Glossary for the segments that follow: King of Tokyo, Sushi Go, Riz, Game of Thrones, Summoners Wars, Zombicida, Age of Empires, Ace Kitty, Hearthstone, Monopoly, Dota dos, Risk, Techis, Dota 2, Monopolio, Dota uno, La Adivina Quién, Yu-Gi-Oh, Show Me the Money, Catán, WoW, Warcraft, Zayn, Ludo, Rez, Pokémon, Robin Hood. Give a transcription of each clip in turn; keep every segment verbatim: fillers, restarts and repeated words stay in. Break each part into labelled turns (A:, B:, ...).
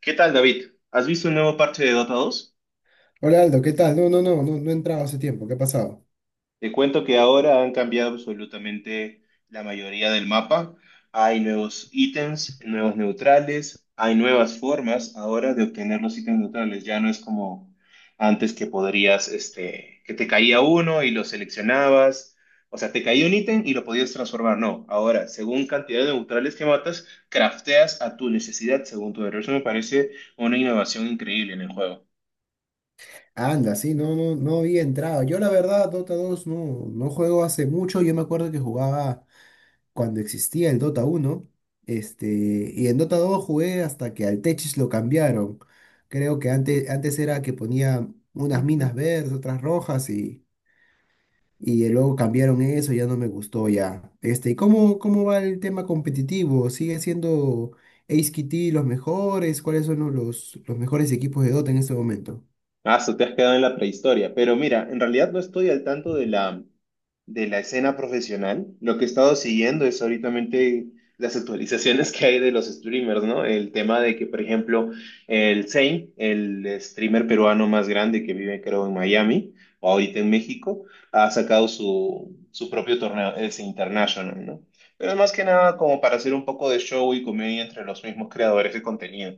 A: ¿Qué tal, David? ¿Has visto el nuevo parche de Dota dos?
B: Hola Aldo, ¿qué tal? No, no, no, no, no he entrado hace tiempo. ¿Qué ha pasado?
A: Te cuento que ahora han cambiado absolutamente la mayoría del mapa. Hay nuevos ítems, nuevos neutrales, hay nuevas formas ahora de obtener los ítems neutrales. Ya no es como antes que podrías, este, que te caía uno y lo seleccionabas. O sea, te caía un ítem y lo podías transformar. No, ahora, según cantidad de neutrales que matas, crafteas a tu necesidad según tu héroe. Eso me parece una innovación increíble en el juego.
B: Anda, sí, no, no, no había entrado. Yo la verdad, Dota dos no, no juego hace mucho. Yo me acuerdo que jugaba cuando existía el Dota uno, este, y en Dota dos jugué hasta que al Techis lo cambiaron. Creo que antes, antes era que ponía unas minas verdes, otras rojas, y, y luego cambiaron eso, ya no me gustó ya. Este, ¿y cómo, cómo va el tema competitivo? ¿Sigue siendo Ace Kitty los mejores? ¿Cuáles son los, los mejores equipos de Dota en este momento?
A: Ah, so te has quedado en la prehistoria. Pero mira, en realidad no estoy al tanto de la, de la escena profesional. Lo que he estado siguiendo es ahorita las actualizaciones que hay de los streamers, ¿no? El tema de que, por ejemplo, el Zayn, el streamer peruano más grande que vive, creo, en Miami, o ahorita en México, ha sacado su, su propio torneo, ese International, ¿no? Pero más que nada como para hacer un poco de show y comedia entre los mismos creadores de contenido.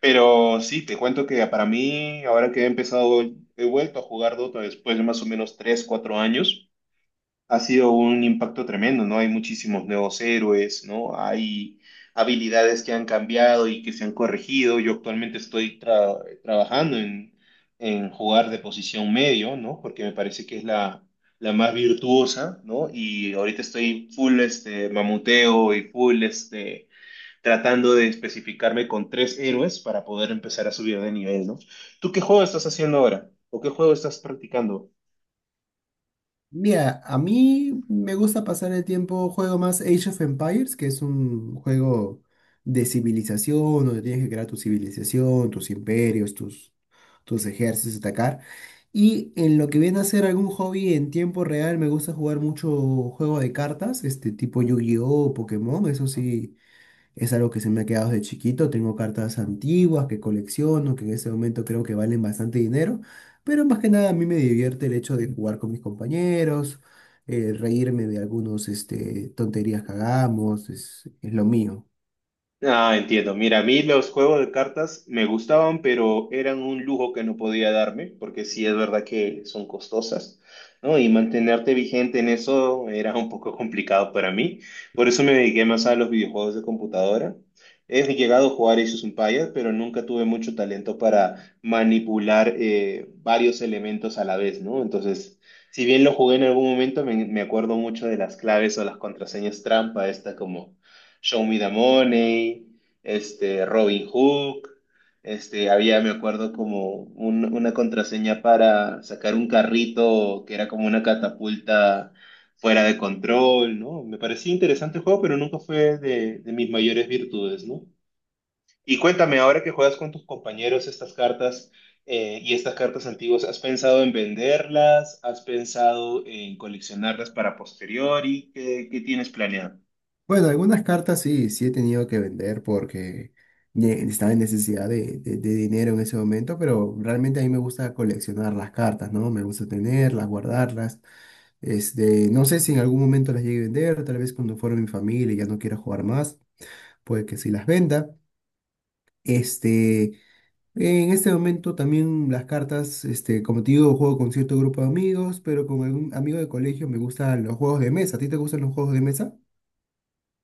A: Pero sí, te cuento que para mí, ahora que he empezado, he vuelto a jugar Dota después de más o menos tres cuatro años, ha sido un impacto tremendo, ¿no? Hay muchísimos nuevos héroes, ¿no? Hay habilidades que han cambiado y que se han corregido. Yo actualmente estoy tra- trabajando en, en jugar de posición medio, ¿no? Porque me parece que es la, la más virtuosa, ¿no? Y ahorita estoy full este mamuteo y full este tratando de especificarme con tres héroes para poder empezar a subir de nivel, ¿no? ¿Tú qué juego estás haciendo ahora? ¿O qué juego estás practicando?
B: Mira, a mí me gusta pasar el tiempo, juego más Age of Empires, que es un juego de civilización, donde tienes que crear tu civilización, tus imperios, tus, tus ejércitos, atacar. Y en lo que viene a ser algún hobby en tiempo real, me gusta jugar mucho juego de cartas, este tipo Yu-Gi-Oh, Pokémon. Eso sí, es algo que se me ha quedado desde chiquito. Tengo cartas antiguas que colecciono, que en ese momento creo que valen bastante dinero, pero más que nada a mí me divierte el hecho de jugar con mis compañeros, eh, reírme de algunos este, tonterías que hagamos. Es, es lo mío.
A: Ah, entiendo. Mira, a mí los juegos de cartas me gustaban, pero eran un lujo que no podía darme, porque sí es verdad que son costosas, ¿no? Y mantenerte vigente en eso era un poco complicado para mí. Por eso me dediqué más a los videojuegos de computadora. He llegado a jugar Age of Empires, pero nunca tuve mucho talento para manipular eh, varios elementos a la vez, ¿no? Entonces, si bien lo jugué en algún momento, me, me acuerdo mucho de las claves o las contraseñas trampa, esta como Show Me the Money, este, Robin Hood, este, había, me acuerdo, como un- una contraseña para sacar un carrito que era como una catapulta fuera de control, ¿no? Me parecía interesante el juego, pero nunca fue de, de mis mayores virtudes, ¿no? Y cuéntame, ahora que juegas con tus compañeros estas cartas eh, y estas cartas antiguas, ¿has pensado en venderlas? ¿Has pensado en coleccionarlas para posteriori? ¿Qué, qué tienes planeado?
B: Bueno, algunas cartas sí, sí he tenido que vender porque ne- estaba en necesidad de, de- de dinero en ese momento, pero realmente a mí me gusta coleccionar las cartas, ¿no? Me gusta tenerlas, guardarlas. Este, no sé si en algún momento las llegue a vender. Tal vez cuando fuera mi familia y ya no quiera jugar más, puede que sí las venda. Este, en este momento también las cartas, este, como te digo, juego con cierto grupo de amigos, pero con algún amigo de colegio me gustan los juegos de mesa. ¿A ti te gustan los juegos de mesa?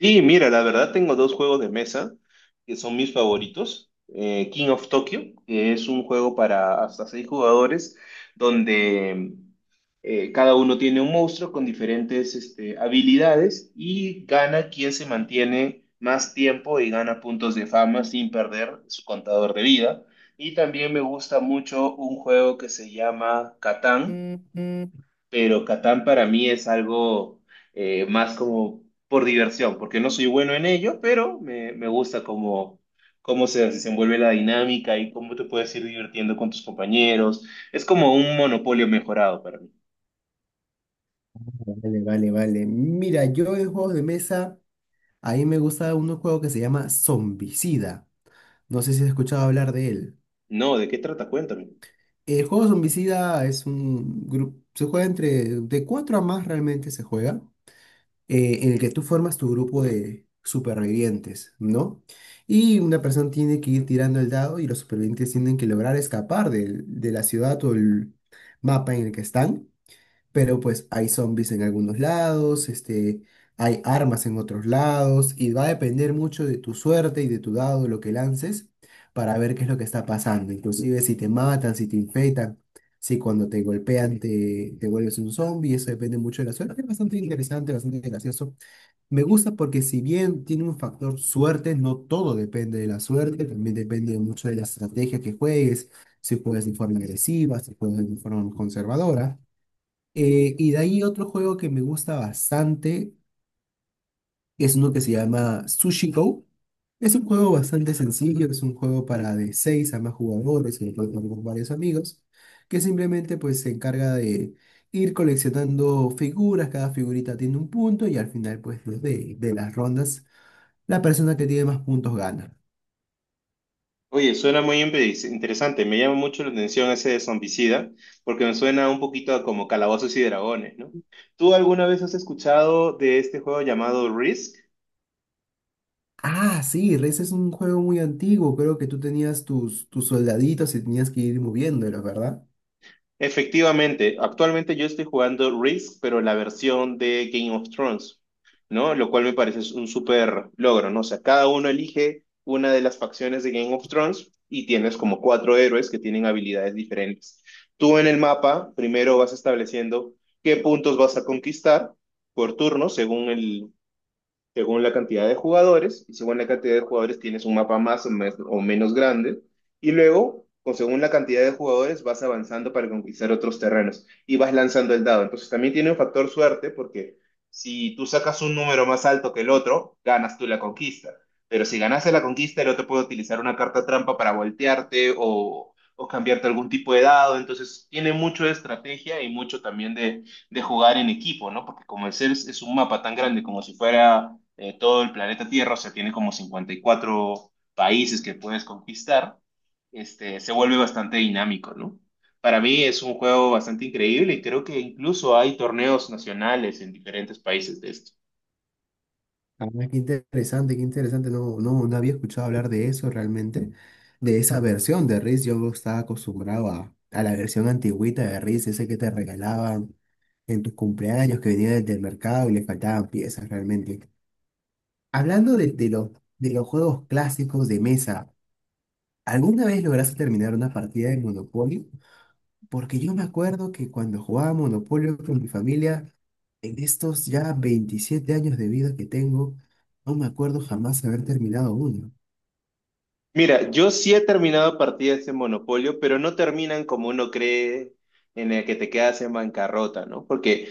A: Sí, mira, la verdad tengo dos juegos de mesa que son mis favoritos. Eh, King of Tokyo, que es un juego para hasta seis jugadores, donde eh, cada uno tiene un monstruo con diferentes este, habilidades y gana quien se mantiene más tiempo y gana puntos de fama sin perder su contador de vida. Y también me gusta mucho un juego que se llama Catán,
B: Ujú.
A: pero Catán para mí es algo eh, más como por diversión, porque no soy bueno en ello, pero me, me gusta cómo, cómo se desenvuelve la dinámica y cómo te puedes ir divirtiendo con tus compañeros. Es como un monopolio mejorado para mí.
B: Vale, vale, vale. Mira, yo en juegos de mesa, a mí me gusta un juego que se llama Zombicida. No sé si has escuchado hablar de él.
A: No, ¿de qué trata? Cuéntame.
B: Eh, El juego Zombicida es un grupo, se juega entre, de cuatro a más realmente se juega, eh, en el que tú formas tu grupo de supervivientes, ¿no? Y una persona tiene que ir tirando el dado y los supervivientes tienen que lograr escapar del- de la ciudad o el mapa en el que están, pero pues hay zombies en algunos lados. Este, hay armas en otros lados, y va a depender mucho de tu suerte y de tu dado, lo que lances, para ver qué es lo que está pasando. Inclusive si te matan, si te infectan, si cuando te golpean te, te vuelves un zombie, eso depende mucho de la suerte. Es bastante interesante, bastante gracioso. Me gusta porque si bien tiene un factor suerte, no todo depende de la suerte, también depende mucho de la estrategia que juegues, si juegas de forma agresiva, si juegas de forma conservadora. Eh, y de ahí otro juego que me gusta bastante es uno que se llama Sushi Go. Es un juego bastante sencillo, es un juego para de seis a más jugadores, que lo pueden jugar con varios amigos, que simplemente pues se encarga de ir coleccionando figuras. Cada figurita tiene un punto y al final pues de, de las rondas, la persona que tiene más puntos gana.
A: Oye, suena muy impre- interesante. Me llama mucho la atención ese de zombicida, porque me suena un poquito a como calabozos y dragones, ¿no? ¿Tú alguna vez has escuchado de este juego llamado Risk?
B: Ah, sí, Rez es un juego muy antiguo. Creo que tú tenías tus, tus soldaditos y tenías que ir moviéndolos, ¿verdad?
A: Efectivamente, actualmente yo estoy jugando Risk, pero la versión de Game of Thrones, ¿no? Lo cual me parece un súper logro, ¿no? O sea, cada uno elige una de las facciones de Game of Thrones y tienes como cuatro héroes que tienen habilidades diferentes. Tú en el mapa primero vas estableciendo qué puntos vas a conquistar por turno según el, según la cantidad de jugadores, y según la cantidad de jugadores tienes un mapa más o, mes- o menos grande, y luego, con según la cantidad de jugadores, vas avanzando para conquistar otros terrenos y vas lanzando el dado. Entonces también tiene un factor suerte porque si tú sacas un número más alto que el otro, ganas tú la conquista. Pero si ganaste la conquista, el otro puede utilizar una carta trampa para voltearte o, o cambiarte algún tipo de dado. Entonces tiene mucho de estrategia y mucho también de de jugar en equipo, ¿no? Porque como el C E R S es un mapa tan grande como si fuera eh, todo el planeta Tierra, o sea, tiene como cincuenta y cuatro países que puedes conquistar, este, se vuelve bastante dinámico, ¿no? Para mí es un juego bastante increíble y creo que incluso hay torneos nacionales en diferentes países de esto.
B: Ah, qué interesante, qué interesante. No, no, no había escuchado hablar de eso realmente, de esa versión de Riz. Yo estaba acostumbrado a, a la versión antigüita de Riz, ese que te regalaban en tus cumpleaños, que venía desde el mercado y le faltaban piezas realmente. Hablando de, de los, de los juegos clásicos de mesa, ¿alguna vez lograste terminar una partida de Monopoly? Porque yo me acuerdo que cuando jugaba Monopoly con mi familia, en estos ya veintisiete años de vida que tengo, no me acuerdo jamás haber terminado uno.
A: Mira, yo sí he terminado partidas en Monopolio, pero no terminan como uno cree en el que te quedas en bancarrota, ¿no? Porque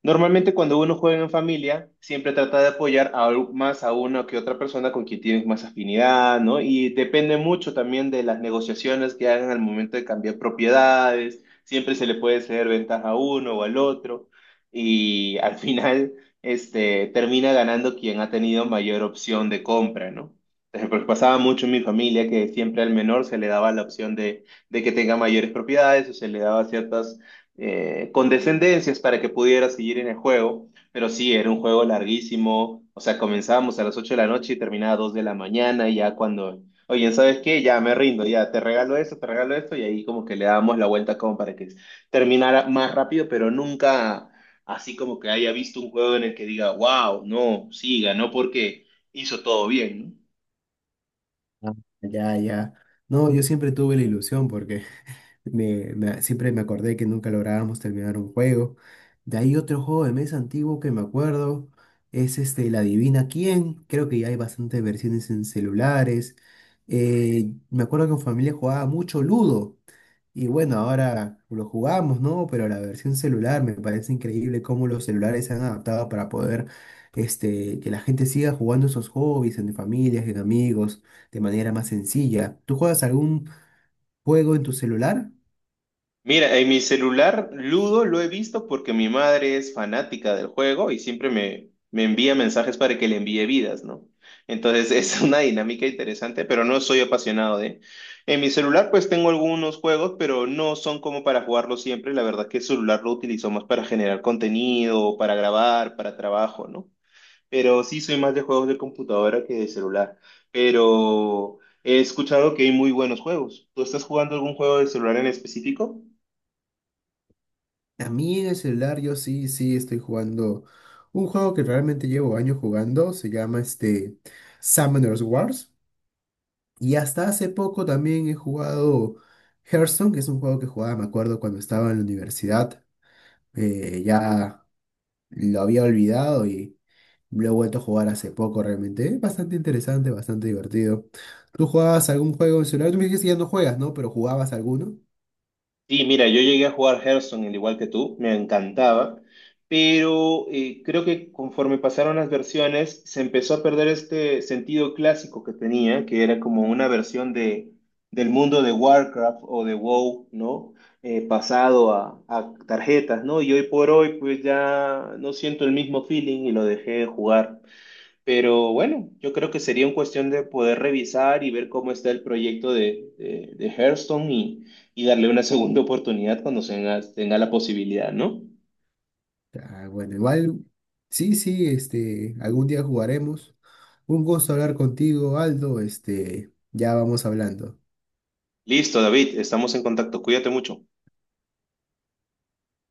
A: normalmente cuando uno juega en familia, siempre trata de apoyar a, al- más a una que otra persona con quien tienes más afinidad, ¿no? Y depende mucho también de las negociaciones que hagan al momento de cambiar propiedades. Siempre se le puede ceder ventaja a uno o al otro. Y al final, este, termina ganando quien ha tenido mayor opción de compra, ¿no? Entonces, porque pasaba mucho en mi familia que siempre al menor se le daba la opción de, de que tenga mayores propiedades o se le daba ciertas eh, condescendencias para que pudiera seguir en el juego, pero sí, era un juego larguísimo, o sea, comenzábamos a las ocho de la noche y terminaba a dos de la mañana y ya cuando, oye, ¿sabes qué? Ya me rindo, ya te regalo esto, te regalo esto y ahí como que le dábamos la vuelta como para que terminara más rápido, pero nunca así como que haya visto un juego en el que diga, wow, no, sí, ganó porque hizo todo bien, ¿no?
B: Ah, ya, ya. No, yo siempre tuve la ilusión porque me, me- siempre me acordé que nunca lográbamos terminar un juego. De ahí otro juego de mesa antiguo que me acuerdo es este, La Adivina Quién. Creo que ya hay bastantes versiones en celulares. Eh, me acuerdo que en familia jugaba mucho Ludo. Y bueno, ahora lo jugamos, ¿no? Pero la versión celular me parece increíble cómo los celulares se han adaptado para poder, este, que la gente siga jugando esos hobbies en familias, en amigos, de manera más sencilla. ¿Tú juegas algún juego en tu celular?
A: Mira, en mi celular Ludo lo he visto porque mi madre es fanática del juego y siempre me, me envía mensajes para que le envíe vidas, ¿no? Entonces es una dinámica interesante, pero no soy apasionado de... En mi celular pues tengo algunos juegos, pero no son como para jugarlo siempre. La verdad que el celular lo utilizo más para generar contenido, para grabar, para trabajo, ¿no? Pero sí soy más de juegos de computadora que de celular. Pero he escuchado que hay muy buenos juegos. ¿Tú estás jugando algún juego de celular en específico?
B: A mí en el celular yo sí, sí estoy jugando un juego que realmente llevo años jugando, se llama este Summoners Wars. Y hasta hace poco también he jugado Hearthstone, que es un juego que jugaba, me acuerdo, cuando estaba en la universidad. Eh, ya lo había olvidado y lo he vuelto a jugar hace poco realmente. Es bastante interesante, bastante divertido. ¿Tú jugabas algún juego en celular? Tú me dijiste que ya no juegas, ¿no? Pero jugabas alguno.
A: Sí, mira, yo llegué a jugar Hearthstone al igual que tú, me encantaba, pero eh, creo que conforme pasaron las versiones se empezó a perder este sentido clásico que tenía, que era como una versión de, del mundo de Warcraft o de WoW, ¿no? Eh, pasado a, a tarjetas, ¿no? Y hoy por hoy pues ya no siento el mismo feeling y lo dejé de jugar. Pero bueno, yo creo que sería una cuestión de poder revisar y ver cómo está el proyecto de, de, de Hearthstone y, y darle una segunda oportunidad cuando se tenga, tenga la posibilidad, ¿no?
B: Ah, bueno, igual, sí, sí, este, algún día jugaremos. Un gusto hablar contigo, Aldo. Este, ya vamos hablando.
A: Listo, David, estamos en contacto. Cuídate mucho.